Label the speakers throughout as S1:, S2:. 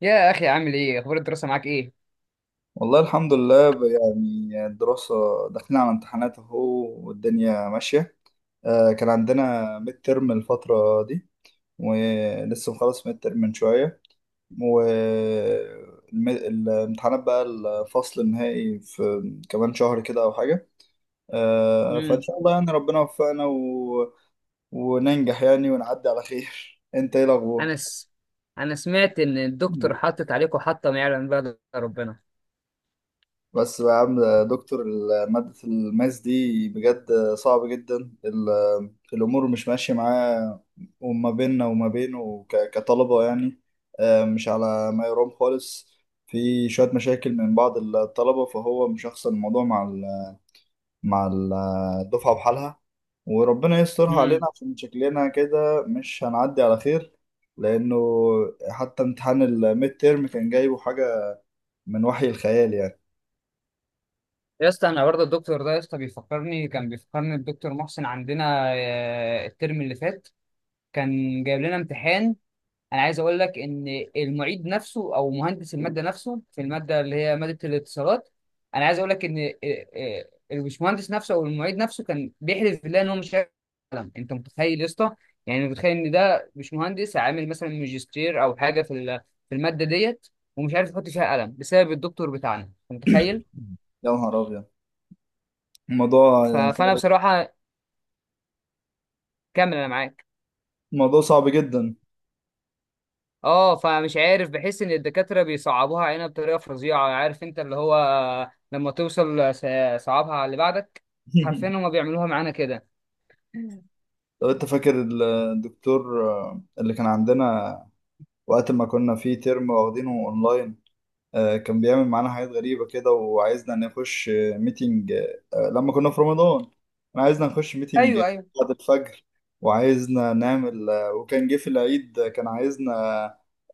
S1: يا اخي، عامل ايه؟ اخبار الدراسه معاك ايه؟
S2: والله الحمد لله يعني الدراسة داخلين على امتحانات اهو، والدنيا ماشية. كان عندنا ميد ترم الفترة دي، ولسه مخلص ميد ترم من شوية. والامتحانات بقى الفصل النهائي في كمان شهر كده أو حاجة. فإن
S1: امم.
S2: شاء الله يعني ربنا يوفقنا وننجح يعني ونعدي على خير. أنت إيه الأخبار؟
S1: انا س... انا سمعت ان الدكتور حاطط عليكم حطه ما يعلم بها إلا ربنا.
S2: بس بقى يا عم يا دكتور مادة الماس دي بجد صعبة جدا. ال- الأمور مش ماشية معاه، وما بيننا وما بينه كطلبة يعني. مش على ما يرام خالص. في شوية مشاكل من بعض الطلبة فهو مشخصن الموضوع مع مع ال- الدفعة بحالها. وربنا يسترها
S1: امم.
S2: علينا عشان شكلنا كده مش هنعدي على خير. لأنه حتى امتحان الميد تيرم كان جايبه حاجة من وحي الخيال يعني.
S1: يا اسطى، انا برضه الدكتور ده يا اسطى بيفكرني كان الدكتور محسن عندنا. الترم اللي فات كان جايب لنا امتحان. انا عايز اقول لك ان المعيد نفسه او مهندس الماده نفسه في الماده اللي هي ماده الاتصالات. انا عايز اقول لك ان إيه- إيه، البشمهندس نفسه او المعيد نفسه كان بيحلف بالله ان هو مش هيعلم. انت متخيل يا اسطى؟ يعني متخيل ان ده بشمهندس عامل مثلا ماجستير او حاجه في الماده ديت، ومش عارف يحط فيها قلم بسبب الدكتور بتاعنا. انت متخيل؟
S2: يا نهار أبيض، الموضوع
S1: فانا
S2: صعب،
S1: بصراحه، كمل انا معاك.
S2: الموضوع صعب جدا.
S1: اه، فمش عارف، بحس ان الدكاتره بيصعبوها علينا بطريقه فظيعه. عارف انت اللي هو لما توصل س- صعبها على اللي بعدك. حرفيا هما بيعملوها معانا كده.
S2: لو انت فاكر الدكتور اللي كان عندنا وقت ما كنا في ترم واخدينه اونلاين. كان بيعمل معانا حاجات غريبة كده، وعايزنا نخش ميتنج. لما كنا في رمضان كان عايزنا نخش ميتنج
S1: ايوه، ايوه،
S2: بعد الفجر، وعايزنا نعمل وكان جه في العيد كان عايزنا،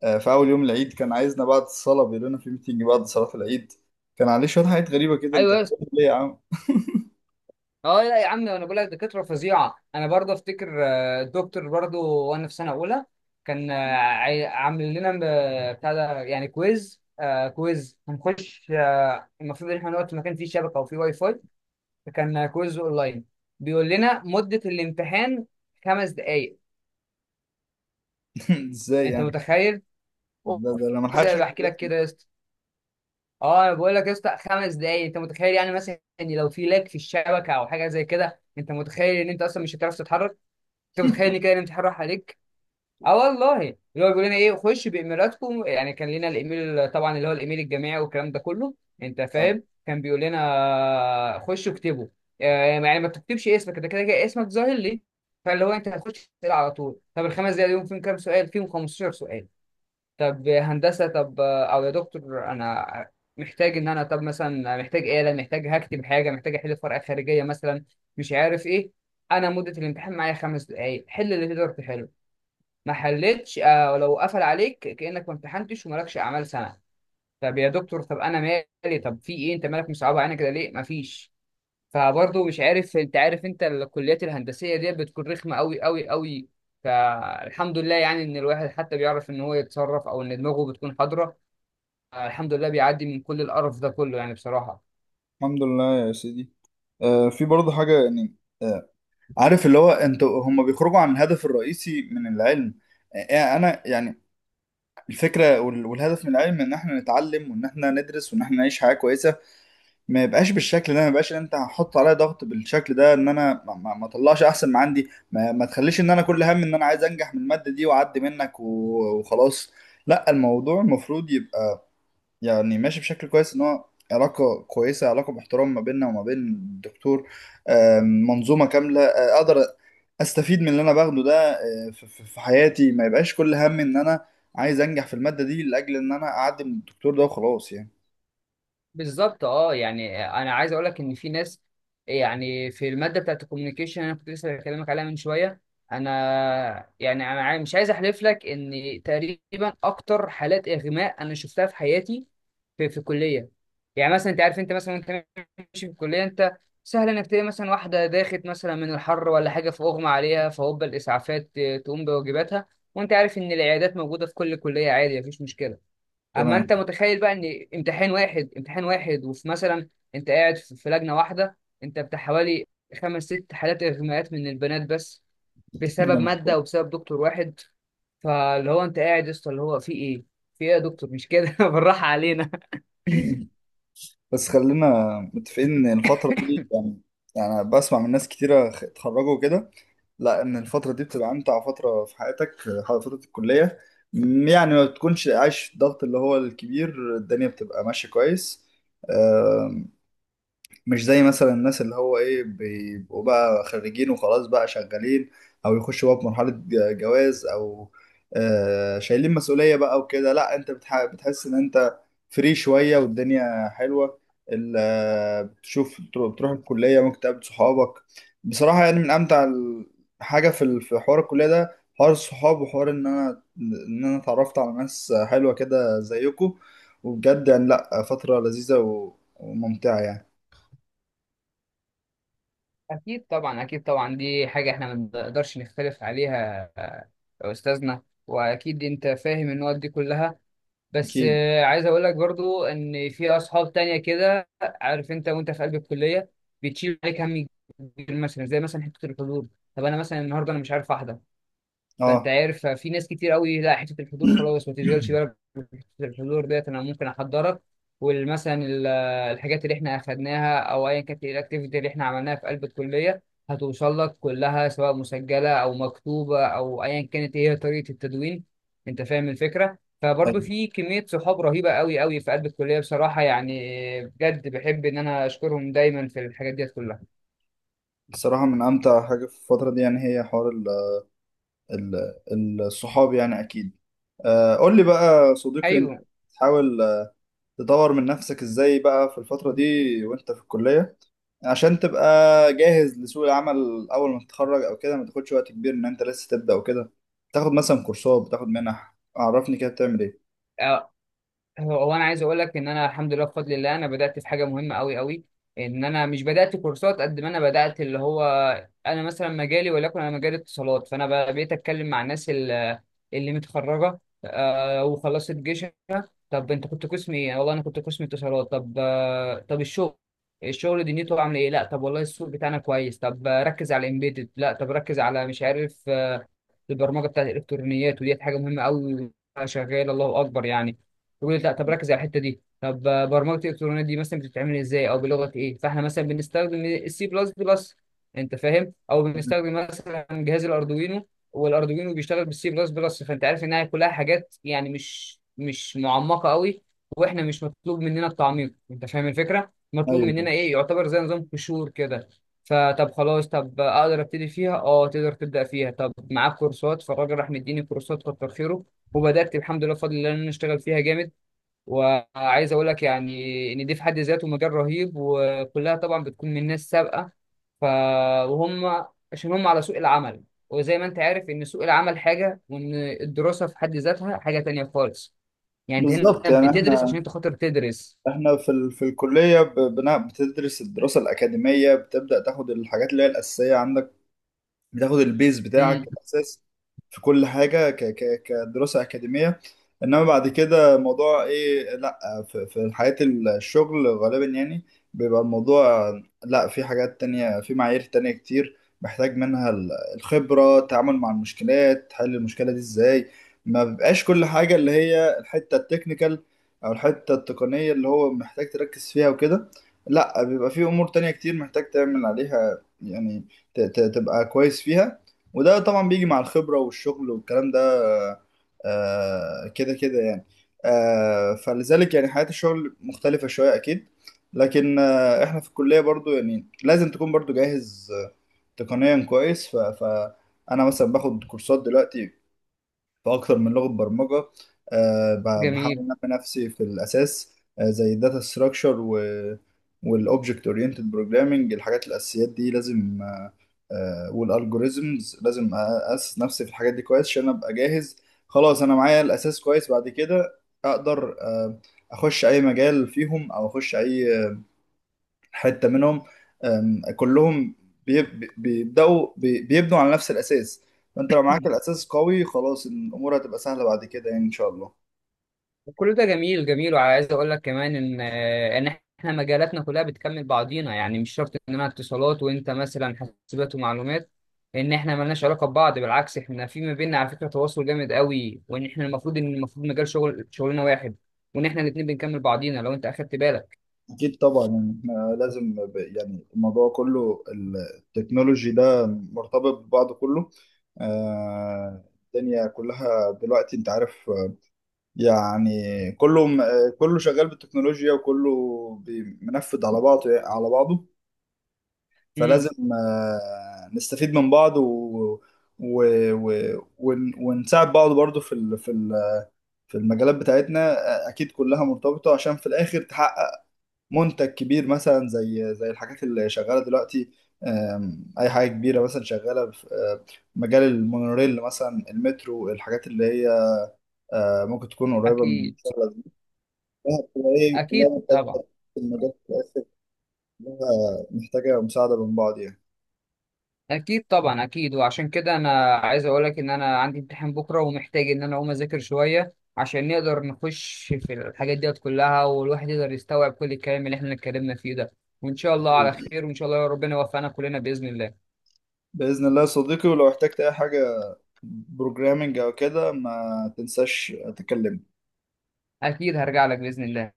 S2: في أول يوم العيد كان عايزنا بعد الصلاة، بيقول لنا في ميتنج بعد صلاة العيد. كان عليه شوية حاجات غريبة كده، انت
S1: ايوه يا اسطى.
S2: بتقول ليه يا عم؟
S1: اه لا يا عم، انا بقول لك دكاتره فظيعه. انا برضه افتكر الدكتور برضه وانا في سنه اولى كان، عامل لنا بتاع ده يعني كويز، كويز هنخش. المفروض ان احنا نقعد في مكان فيه شبكه وفيه واي فاي. فكان كويز اونلاين. بيقول لنا مده الامتحان 5 دقائق.
S2: ازاي
S1: انت
S2: يعني؟
S1: متخيل؟
S2: ده انا
S1: زي
S2: ملحقش
S1: ما
S2: اكتب
S1: بحكي لك
S2: اسمي.
S1: كده يا اسطى. اه، انا بقول لك يا اسطى، 5 دقايق. انت متخيل؟ يعني مثلا ان لو في لاج في الشبكه او حاجه زي كده، انت متخيل ان انت اصلا مش هتعرف تتحرك؟ انت متخيل ان كده الامتحان راح عليك؟ اه والله، اللي هو بيقول لنا ايه، خش بايميلاتكم. يعني كان لنا الايميل طبعا، اللي هو الايميل الجامعي والكلام ده كله. انت
S2: آه،
S1: فاهم؟ كان بيقول لنا خش اكتبه. يعني ما تكتبش اسمك، انت كده كده اسمك ظاهر ليه. فاللي هو انت هتخش تسال على طول. طب الخمس دقايق دول فيهم كام سؤال؟ فيهم 15 سؤال. طب هندسة، طب أو يا دكتور، أنا محتاج إن أنا، طب مثلا محتاج آلة، محتاج هكتب حاجة، محتاج أحل ورقة خارجية مثلا، مش عارف إيه. أنا مدة الامتحان معايا 5 دقايق. حل اللي تقدر تحله، ما حلتش آه، لو قفل عليك كأنك ما امتحنتش ومالكش أعمال سنة. طب يا دكتور، طب أنا مالي، طب في إيه، أنت مالك مصعبة علينا كده ليه؟ مفيش. فبرضه مش عارف، أنت عارف أنت الكليات الهندسية دي بتكون رخمة أوي أوي أوي. فالحمد لله يعني إن الواحد حتى بيعرف إن هو يتصرف، أو إن دماغه بتكون حاضرة. الحمد لله بيعدي من كل القرف ده كله يعني، بصراحة.
S2: الحمد لله يا سيدي. آه، في برضه حاجه يعني. آه، عارف اللي هو انت هم بيخرجوا عن الهدف الرئيسي من العلم. انا يعني الفكره والهدف من العلم ان احنا نتعلم وان احنا ندرس وان احنا نعيش حياه كويسه. ما يبقاش بالشكل ده، ما يبقاش ان انت هتحط عليا ضغط بالشكل ده ان انا ما اطلعش احسن ما عندي، ما تخليش ان انا كل هم ان انا عايز انجح من الماده دي واعدي منك وخلاص. لا، الموضوع المفروض يبقى يعني ماشي بشكل كويس، ان هو علاقة كويسة، علاقة محترمة ما بيننا وما بين الدكتور. منظومة كاملة، اقدر استفيد من اللي انا باخده ده في في حياتي. ما يبقاش كل هم ان انا عايز انجح في المادة دي لاجل ان انا اعدي من الدكتور ده وخلاص يعني.
S1: بالظبط. اه، يعني انا عايز اقول لك ان في ناس، يعني في المادة بتاعت الكوميونيكيشن، انا كنت لسه بكلمك عليها من شوية. انا يعني انا عاي- مش عايز احلف لك ان تقريبا اكتر حالات اغماء انا شفتها في حياتي في الكلية. يعني مثلا انت عارف، انت مثلا وانت ماشي في الكلية، انت سهل انك تلاقي مثلا واحدة داخت مثلا من الحر ولا حاجة فاغمى عليها، فهوب الاسعافات تقوم بواجباتها. وانت عارف ان العيادات موجودة في كل كلية، عادي، مفيش مشكلة. اما انت
S2: تمام.
S1: متخيل بقى ان امتحان واحد، امتحان واحد وفي مثلا، انت قاعد في لجنه واحده، انت بتاع حوالي خمس ست حالات اغماءات من البنات بس، بسبب ماده وبسبب دكتور واحد. فاللي هو انت قاعد يا اسطى اللي هو في ايه، في ايه يا دكتور، مش كده؟ بالراحه علينا.
S2: بس خلينا متفقين ان الفترة دي يعني، يعني بسمع من ناس كتيرة اتخرجوا وكده، لا ان الفترة دي بتبقى امتع فترة في حياتك، فترة الكلية. يعني ما بتكونش عايش الضغط اللي هو الكبير، الدنيا بتبقى ماشية كويس. آه، مش زي مثلا الناس اللي هو ايه بيبقوا بقى خريجين وخلاص بقى شغالين، او يخشوا بقى في مرحلة جواز، او آه شايلين مسؤولية بقى وكده. لا، انت بتحس ان انت فري شوية والدنيا حلوة. بتشوف، بتروح الكلية ممكن تقابل صحابك. بصراحة يعني من امتع حاجة في في حوار الكلية ده، حوار الصحاب وحوار ان انا اتعرفت على ناس حلوة كده زيكم. وبجد يعني لا، فترة لذيذة وممتعة يعني.
S1: اكيد طبعا، اكيد طبعا، دي حاجه احنا ما نقدرش نختلف عليها يا استاذنا، واكيد انت فاهم النقط دي كلها. بس
S2: أكيد.
S1: عايز اقول لك برضو ان في اصحاب تانية كده، عارف انت وانت في قلب الكليه بتشيل عليك هم كبير، مثلا زي مثلا حته الحضور. طب انا مثلا النهارده انا مش عارف احضر، فانت
S2: أه.
S1: عارف في ناس كتير قوي، لا حته الحضور خلاص، ما تشغلش بالك بحته الحضور ديت، انا ممكن احضرك. والمثلا الحاجات اللي احنا اخدناها، او ايا كانت الاكتيفيتي اللي احنا عملناها في قلب الكليه، هتوصل لك كلها، سواء مسجله او مكتوبه او ايا كانت هي طريقه التدوين. انت فاهم الفكره؟ فبرضه
S2: أيوة.
S1: في كميه صحاب رهيبه قوي قوي في قلب الكليه، بصراحه يعني. بجد بحب ان انا اشكرهم دايما في الحاجات ديت كلها.
S2: الصراحة من أمتع حاجة في الفترة دي يعني هي حوار ال الصحاب يعني، أكيد. آه، قول لي بقى صديقي، أنت بتحاول آه، تطور من نفسك إزاي بقى في الفترة
S1: ايوه.
S2: دي وأنت في الكلية، عشان تبقى جاهز لسوق العمل أول ما تتخرج أو كده، ما تاخدش وقت كبير إن أنت لسه تبدأ وكده. تاخد مثلا كورسات، بتاخد منح، عرفني كده بتعمل إيه؟
S1: هو انا عايز اقول لك ان انا، الحمد لله بفضل الله، انا بدات في حاجه مهمه قوي قوي. ان انا مش بدات كورسات قد ما انا بدات اللي هو، انا مثلا مجالي، وليكن انا مجال اتصالات، بقيت اتكلم مع الناس اللي متخرجه وخلصت جيشها. طب انت كنت قسم ايه؟ والله انا كنت قسم اتصالات. طب طب الشغل، الشغل دنيته عامله ايه؟ لا طب والله السوق بتاعنا كويس. طب ركز على الامبيدد. لا طب ركز على، مش عارف، البرمجه بتاعت الالكترونيات، وديت حاجه مهمه قوي، شغال، الله اكبر يعني. يقول لي لا طب ركز على الحته دي. طب برمجه الالكترونيات دي مثلا بتتعمل ازاي، او بلغه ايه؟ فاحنا مثلا بنستخدم السي بلس بلس، انت فاهم، او بنستخدم مثلا جهاز الاردوينو، والاردوينو بيشتغل بالسي بلس بلس. فانت عارف انها كلها حاجات يعني مش معمقه قوي، واحنا مش مطلوب مننا التعميق. انت فاهم الفكره؟ مطلوب
S2: أيوه.
S1: مننا ايه، يعتبر زي نظام قشور كده. فطب خلاص، طب اقدر ابتدي فيها؟ اه تقدر تبدا فيها. طب معاك كورسات؟ فالراجل راح مديني كورسات، كتر خيره، وبدات الحمد لله بفضل الله ان انا اشتغل فيها جامد. وعايز اقول لك يعني ان دي في حد ذاته مجال رهيب، وكلها طبعا بتكون من ناس سابقه، ف وهم عشان هم على سوق العمل. وزي ما انت عارف ان سوق العمل حاجه، وان الدراسه في حد ذاتها حاجه تانية خالص. يعني انت هنا
S2: بالظبط يعني
S1: بتدرس عشان
S2: إحنا
S1: انت خاطر تدرس.
S2: احنا في في الكلية بتدرس، الدراسة الأكاديمية بتبدأ تاخد الحاجات اللي هي الأساسية عندك، بتاخد البيز بتاعك
S1: امم.
S2: الاساس في كل حاجه ك كدراسه اكاديميه. انما بعد كده موضوع ايه، لا في، في حياه الشغل غالبا يعني بيبقى الموضوع، لا في حاجات تانية، في معايير تانية كتير محتاج منها الخبرة، التعامل مع المشكلات، حل المشكلة دي ازاي. ما بيبقاش كل حاجة اللي هي الحتة التكنيكال او الحتة التقنية اللي هو محتاج تركز فيها وكده. لا، بيبقى في امور تانية كتير محتاج تعمل عليها يعني، تبقى كويس فيها. وده طبعا بيجي مع الخبرة والشغل والكلام ده آه، كده كده يعني. آه، فلذلك يعني حياة الشغل مختلفة شوية أكيد. لكن آه، احنا في الكلية برضو يعني لازم تكون برضو جاهز آه، تقنيا كويس. فأنا مثلا باخد كورسات دلوقتي في اكتر من لغه برمجه. آه، بحاول
S1: جميل.
S2: انمي نفسي في الاساس آه، زي الداتا ستراكشر والاوبجكت اورينتد بروجرامنج، الحاجات الاساسيات دي لازم، والالجوريزمز لازم اسس نفسي في الحاجات دي كويس عشان ابقى جاهز. خلاص، انا معايا الاساس كويس، بعد كده اقدر آه، اخش اي مجال فيهم او اخش اي حته منهم. أم، كلهم بيبداوا، بيبنوا على نفس الاساس. فانت لو معاك الاساس قوي خلاص الامور هتبقى سهله بعد كده يعني ان شاء الله.
S1: وكل ده جميل، جميل. وعايز اقول لك كمان ان احنا مجالاتنا كلها بتكمل بعضينا، يعني مش شرط ان انا اتصالات وانت مثلا حاسبات ومعلومات ان احنا ملناش علاقه ببعض. بالعكس، احنا في ما بيننا على فكره تواصل جامد قوي، وان احنا المفروض ان مجال شغلنا واحد، وان احنا الاثنين بنكمل بعضينا لو انت اخدت بالك.
S2: اكيد طبعا، يعني احنا لازم يعني الموضوع كله التكنولوجي ده مرتبط ببعضه كله. آه، الدنيا كلها دلوقتي انت عارف آه، يعني كله كله شغال بالتكنولوجيا، وكله منفذ على بعضه، على بعضه.
S1: امم.
S2: فلازم آه، نستفيد من بعض و... ونساعد بعض برضو في في المجالات بتاعتنا. آه، اكيد كلها مرتبطة عشان في الاخر تحقق منتج كبير، مثلا زي الحاجات اللي شغالة دلوقتي. آم، اي حاجة كبيرة مثلا شغالة في آه، مجال المونوريل مثلا، المترو، الحاجات اللي هي آه، ممكن تكون قريبة من
S1: اكيد.
S2: شغلها، بتبقى ايه كلها
S1: اكيد طبعا،
S2: مرتبطة في المجال في الاخر، كلها محتاجة مساعدة من بعض
S1: اكيد طبعا، اكيد. وعشان كده انا عايز اقول لك ان انا عندي امتحان بكره، ومحتاج ان انا اقوم اذاكر شويه، عشان نقدر نخش في الحاجات ديت كلها، والواحد يقدر يستوعب كل الكلام اللي احنا اتكلمنا فيه ده. وان شاء الله على
S2: يعني.
S1: خير، وان شاء الله ربنا يوفقنا كلنا باذن الله.
S2: بإذن الله يا صديقي، ولو احتجت أي حاجة بروجرامنج أو كده ما تنساش تكلمني.
S1: اكيد هرجع لك باذن الله.